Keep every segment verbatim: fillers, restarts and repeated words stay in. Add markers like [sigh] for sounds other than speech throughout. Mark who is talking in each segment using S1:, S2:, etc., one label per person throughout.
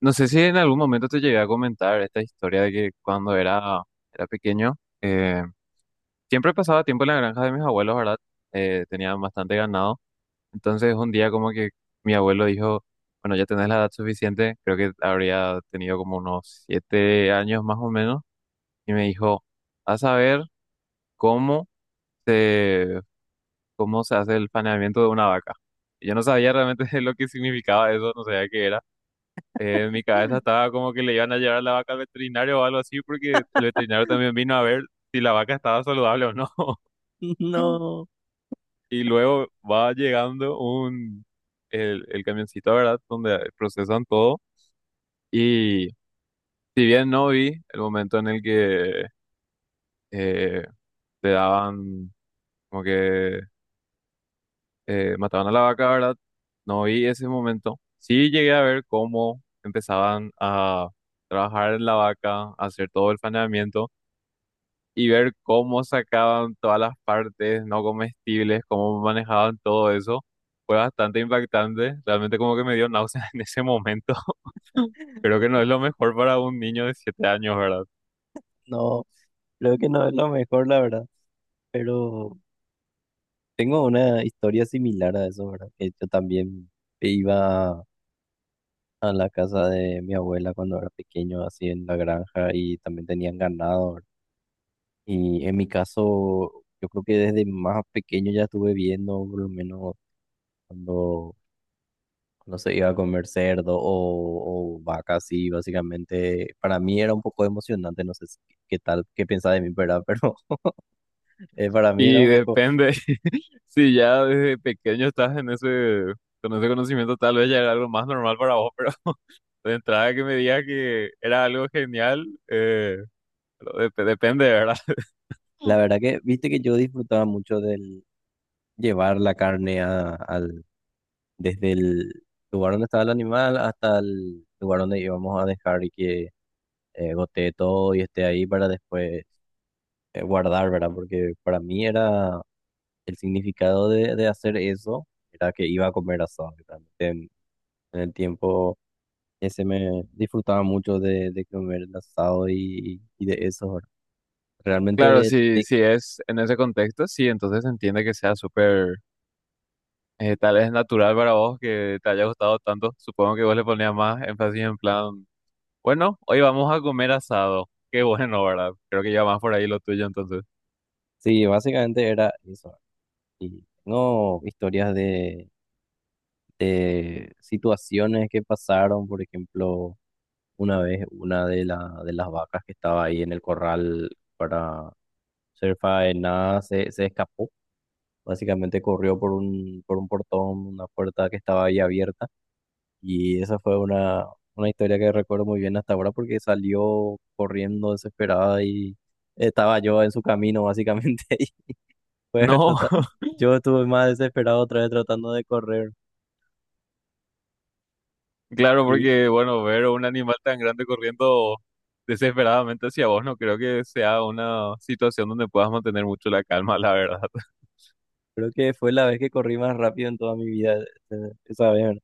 S1: No sé si en algún momento te llegué a comentar esta historia de que cuando era, era pequeño, eh, siempre pasaba tiempo en la granja de mis abuelos, ¿verdad? Eh, tenían bastante ganado. Entonces un día como que mi abuelo dijo, bueno, ya tenés la edad suficiente, creo que habría tenido como unos siete años más o menos, y me dijo, vas a ver cómo se, cómo se hace el faenamiento de una vaca. Y yo no sabía realmente [laughs] lo que significaba eso, no sabía qué era. Eh, en mi cabeza estaba como que le iban a llevar la vaca al veterinario o algo así, porque el veterinario también vino a ver si la vaca estaba saludable o no. [laughs]
S2: [laughs] No,
S1: Y luego va llegando un, el, el camioncito, ¿verdad? Donde procesan todo. Y si bien no vi el momento en el que eh, le daban, como que eh, mataban a la vaca, ¿verdad? No vi ese momento. Sí llegué a ver cómo empezaban a trabajar en la vaca, a hacer todo el faenamiento. Y ver cómo sacaban todas las partes no comestibles, cómo manejaban todo eso, fue bastante impactante. Realmente como que me dio náuseas [laughs] en ese momento. [laughs] Creo que no es lo mejor para un niño de siete años, ¿verdad?
S2: no, creo que no es lo mejor, la verdad. Pero tengo una historia similar a eso, ¿verdad? Que yo también iba a la casa de mi abuela cuando era pequeño, así en la granja, y también tenían ganado, ¿verdad? Y en mi caso, yo creo que desde más pequeño ya estuve viendo, por lo menos cuando, cuando se iba a comer cerdo o, o vaca, así, básicamente. Para mí era un poco emocionante, no sé si- qué tal, qué pensaba de mí, ¿verdad? [laughs] Pero eh, para mí era
S1: Y
S2: un poco.
S1: depende, [laughs] si ya desde pequeño estás en ese, con ese conocimiento, tal vez ya era algo más normal para vos, pero [laughs] de entrada que me digas que era algo genial, eh, pero dep- depende, ¿verdad? [laughs]
S2: La verdad que, viste que yo disfrutaba mucho del llevar la carne a- al, desde el lugar donde estaba el animal hasta el lugar donde íbamos a dejar y que eh, gotee todo y esté ahí para después eh, guardar, ¿verdad? Porque para mí era el significado de, de hacer eso, era que iba a comer asado. Y realmente en, en el tiempo ese me disfrutaba mucho de, de comer el asado y, y de eso, ¿verdad?
S1: Claro,
S2: Realmente,
S1: si,
S2: te-
S1: si es en ese contexto, sí, entonces se entiende que sea súper. Eh, tal vez es natural para vos que te haya gustado tanto. Supongo que vos le ponías más énfasis en plan, bueno, hoy vamos a comer asado. Qué [laughs] bueno, ¿verdad? Creo que ya más por ahí lo tuyo entonces.
S2: sí, básicamente era eso. Y tengo historias de, de situaciones que pasaron, por ejemplo, una vez una de, la, de las vacas que estaba ahí en el corral para ser faenada se, se escapó. Básicamente corrió por un, por un portón, una puerta que estaba ahí abierta. Y esa fue una, una historia que recuerdo muy bien hasta ahora porque salió corriendo desesperada y estaba yo en su camino, básicamente. [laughs] Y fue
S1: No,
S2: total-
S1: [laughs]
S2: yo estuve más desesperado otra vez tratando de correr.
S1: claro,
S2: Y
S1: porque bueno, ver un animal tan grande corriendo desesperadamente hacia vos no creo que sea una situación donde puedas mantener mucho la calma, la verdad.
S2: creo que fue la vez que corrí más rápido en toda mi vida, eh, esa vez.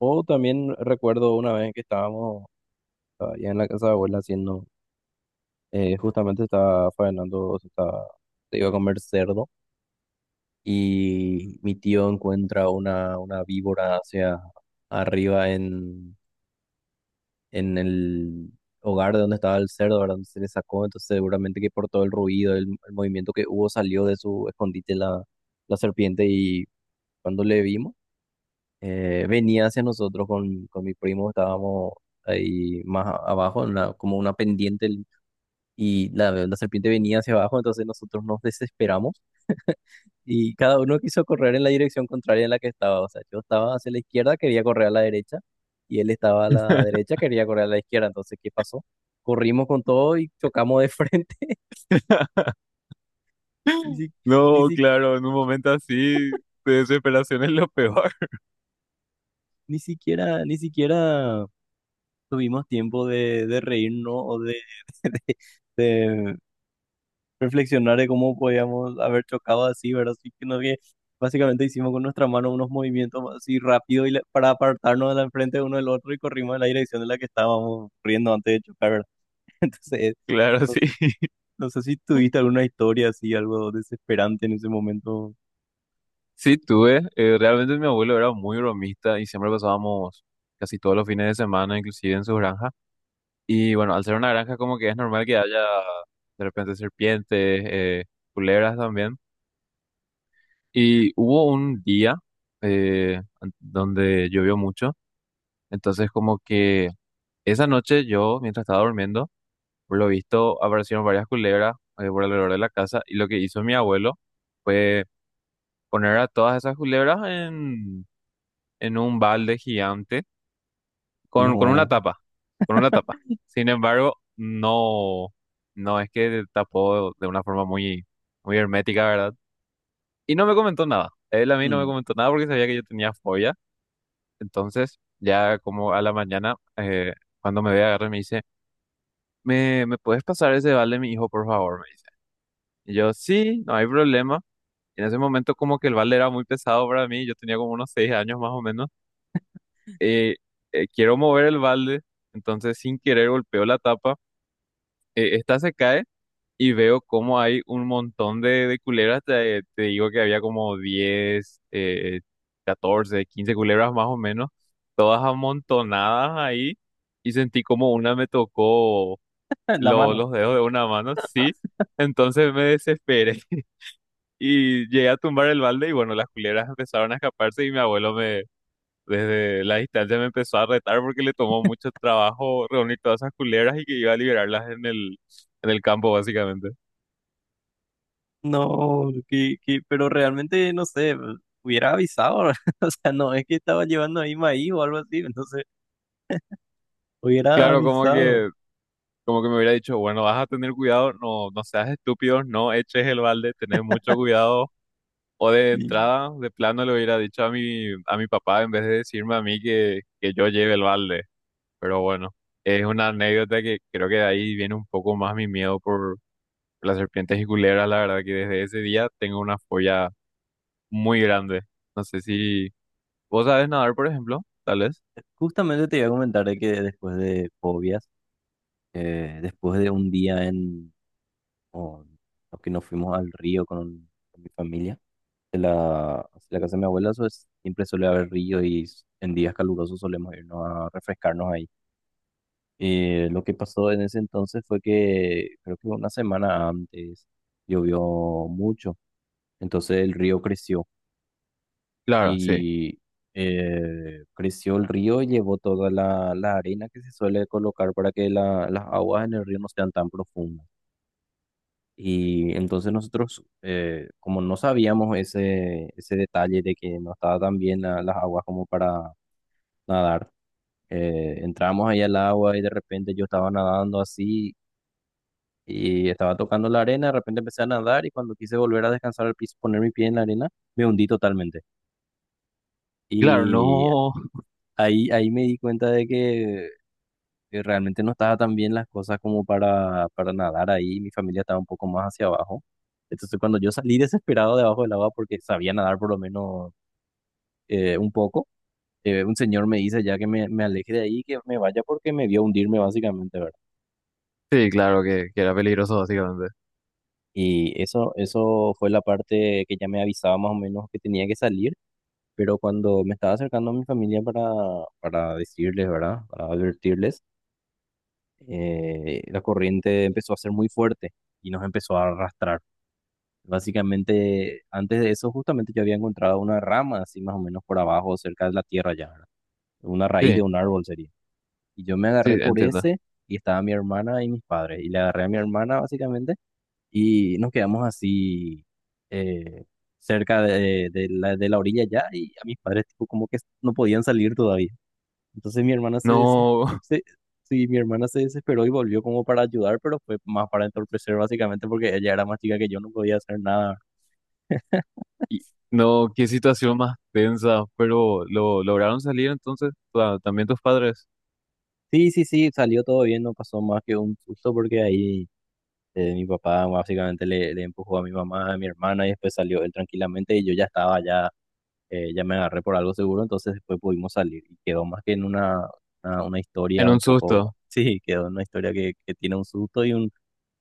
S2: O también recuerdo una vez que estábamos allá en la casa de abuela haciendo, eh, justamente estaba faenando, o sea, estaba- se iba a comer cerdo y mi tío encuentra una, una víbora hacia arriba en, en el hogar de donde estaba el cerdo, ¿verdad? Donde se le sacó, entonces seguramente que por todo el ruido, el, el movimiento que hubo, salió de su escondite la, la serpiente y cuando le vimos eh, venía hacia nosotros con, con mi primo, estábamos ahí más a- abajo, en una- como una pendiente, el- y la, la serpiente venía hacia abajo, entonces nosotros nos desesperamos y cada uno quiso correr en la dirección contraria en la que estaba. O sea, yo estaba hacia la izquierda, quería correr a la derecha, y él estaba a la derecha, quería correr a la izquierda. Entonces, ¿qué pasó? Corrimos con todo y chocamos de frente.
S1: [laughs]
S2: [laughs] Ni, si- ni,
S1: No,
S2: si-
S1: claro, en un momento así de desesperación es lo peor. [laughs]
S2: ni siquiera, ni siquiera tuvimos tiempo de, de reírnos o de, [laughs] reflexionar de cómo podíamos haber chocado así, ¿verdad? Así que no que básicamente hicimos con nuestra mano unos movimientos así rápido y la- para apartarnos de la enfrente de uno del otro y corrimos en la dirección en la que estábamos corriendo antes de chocar, ¿verdad? [laughs] Entonces,
S1: Claro,
S2: no
S1: sí.
S2: sé, no sé si tuviste alguna historia así, algo desesperante en ese momento.
S1: Sí, tuve. Eh, realmente mi abuelo era muy bromista y siempre pasábamos casi todos los fines de semana, inclusive en su granja. Y bueno, al ser una granja como que es normal que haya de repente serpientes, eh, culebras también. Y hubo un día eh, an- donde llovió mucho, entonces como que esa noche yo, mientras estaba durmiendo, por lo visto aparecieron varias culebras eh, por alrededor de la casa y lo que hizo mi abuelo fue poner a todas esas culebras en, en un balde gigante con, con una
S2: No.
S1: tapa, con una tapa. Sin embargo, no, no es que tapó de una forma muy, muy hermética, ¿verdad? Y no me comentó nada. Él a mí no me
S2: Mm,
S1: comentó nada porque sabía que yo tenía fobia. Entonces, ya como a la mañana, eh, cuando me ve agarrar, me dice, ¿Me, me puedes pasar ese balde, mi hijo, por favor? Me dice. Y yo, sí, no hay problema. En ese momento como que el balde era muy pesado para mí, yo tenía como unos seis años más o menos. Eh, eh, Quiero mover el balde, entonces sin querer golpeó la tapa, eh, esta se cae y veo como hay un montón de, de culebras. Te, te digo que había como diez eh, catorce quince culebras más o menos, todas amontonadas ahí. Y sentí como una me tocó
S2: en la
S1: lo-
S2: mano.
S1: los dedos de una mano, sí. Entonces me desesperé [laughs] y llegué a tumbar el balde y bueno, las culebras empezaron a escaparse y mi abuelo me, desde la distancia me empezó a retar porque le tomó mucho trabajo reunir todas esas culebras y que iba a liberarlas en el, en el campo, básicamente.
S2: No, que, que, pero realmente no sé, hubiera avisado, [laughs] o sea, no es que estaba llevando ahí maíz o algo así, entonces hubiera
S1: Claro, como
S2: avisado.
S1: que, como que me hubiera dicho, bueno, vas a tener cuidado, no, no seas estúpido, no eches el balde, tenés mucho
S2: [laughs]
S1: cuidado. O de
S2: Sí.
S1: entrada, de plano le hubiera dicho a mi, a mi papá en vez de decirme a mí que, que yo lleve el balde. Pero bueno, es una anécdota que creo que de ahí viene un poco más mi miedo por las serpientes y culebras. La verdad que desde ese día tengo una fobia muy grande. No sé si vos sabes nadar, por ejemplo, tal vez.
S2: Justamente te iba a comentar de que después de fobias, eh, después de un día en o- o que nos fuimos al río con, con mi familia, de la, de la casa de mi abuela, eso es- siempre suele haber río y s- en días calurosos solemos irnos a refrescarnos ahí. Eh, lo que pasó en ese entonces fue que creo que una semana antes llovió mucho, entonces el río creció.
S1: Claro, sí.
S2: Y eh, creció el río y llevó toda la, la arena que se suele colocar para que la- las aguas en el río no sean tan profundas. Y entonces nosotros, eh, como no sabíamos ese, ese detalle de que no estaba tan bien la- las aguas como para nadar, eh, entramos ahí al agua y de repente yo estaba nadando así y estaba tocando la arena, de repente empecé a nadar y cuando quise volver a descansar al piso, poner mi pie en la arena, me hundí totalmente.
S1: Claro,
S2: Y
S1: no. [laughs]
S2: Ahí, ahí me di cuenta de que que realmente no estaba tan bien las cosas como para, para nadar ahí, mi familia estaba un poco más hacia abajo. Entonces cuando yo salí desesperado debajo del agua porque sabía nadar por lo menos eh, un poco, eh, un señor me dice ya que me, me aleje de ahí, que me vaya porque me vio hundirme básicamente, ¿verdad?
S1: Sí, claro que, que era peligroso, básicamente.
S2: Y eso, eso fue la parte que ya me avisaba más o menos que tenía que salir, pero cuando me estaba acercando a mi familia para, para decirles, ¿verdad? Para advertirles, eh, la corriente empezó a ser muy fuerte y nos empezó a arrastrar. Básicamente, antes de eso, justamente yo había encontrado una rama así más o menos por abajo, cerca de la tierra ya, ¿verdad? Una raíz
S1: Sí,
S2: de un árbol sería. Y yo me agarré
S1: sí,
S2: por
S1: entiendo.
S2: ese y estaba mi hermana y mis padres. Y le agarré a mi hermana básicamente y nos quedamos así eh, cerca de, de la, de la orilla ya y a mis padres tipo como que no podían salir todavía. Entonces mi hermana se, desesperó,
S1: No, [laughs]
S2: sí, mi hermana se desesperó y volvió como para ayudar, pero fue más para entorpecer básicamente porque ella era más chica que yo, no podía hacer nada.
S1: y- no, qué situación más tensa, pero lo lograron salir entonces, o sea, también tus padres,
S2: Sí, sí, sí, salió todo bien, no pasó más que un susto porque ahí eh, mi papá básicamente le, le empujó a mi mamá, a mi hermana y después salió él tranquilamente y yo ya estaba, ya, eh, ya me agarré por algo seguro, entonces después pudimos salir y quedó más que en una, una, una
S1: en
S2: historia un
S1: un
S2: poco,
S1: susto.
S2: [laughs] sí, quedó en una historia que, que tiene un susto y un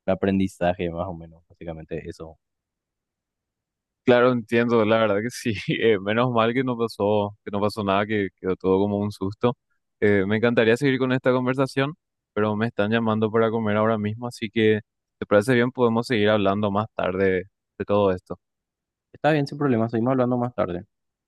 S2: aprendizaje más o menos, básicamente eso.
S1: Claro, entiendo, la verdad que sí. [laughs] Eh, menos mal que no pasó, que no pasó nada, que quedó todo como un susto. Eh, me encantaría seguir con esta conversación, pero me están llamando para comer ahora mismo, así que, ¿te parece bien? Podemos seguir hablando más tarde de todo esto.
S2: Está bien, sin problema, seguimos hablando más tarde.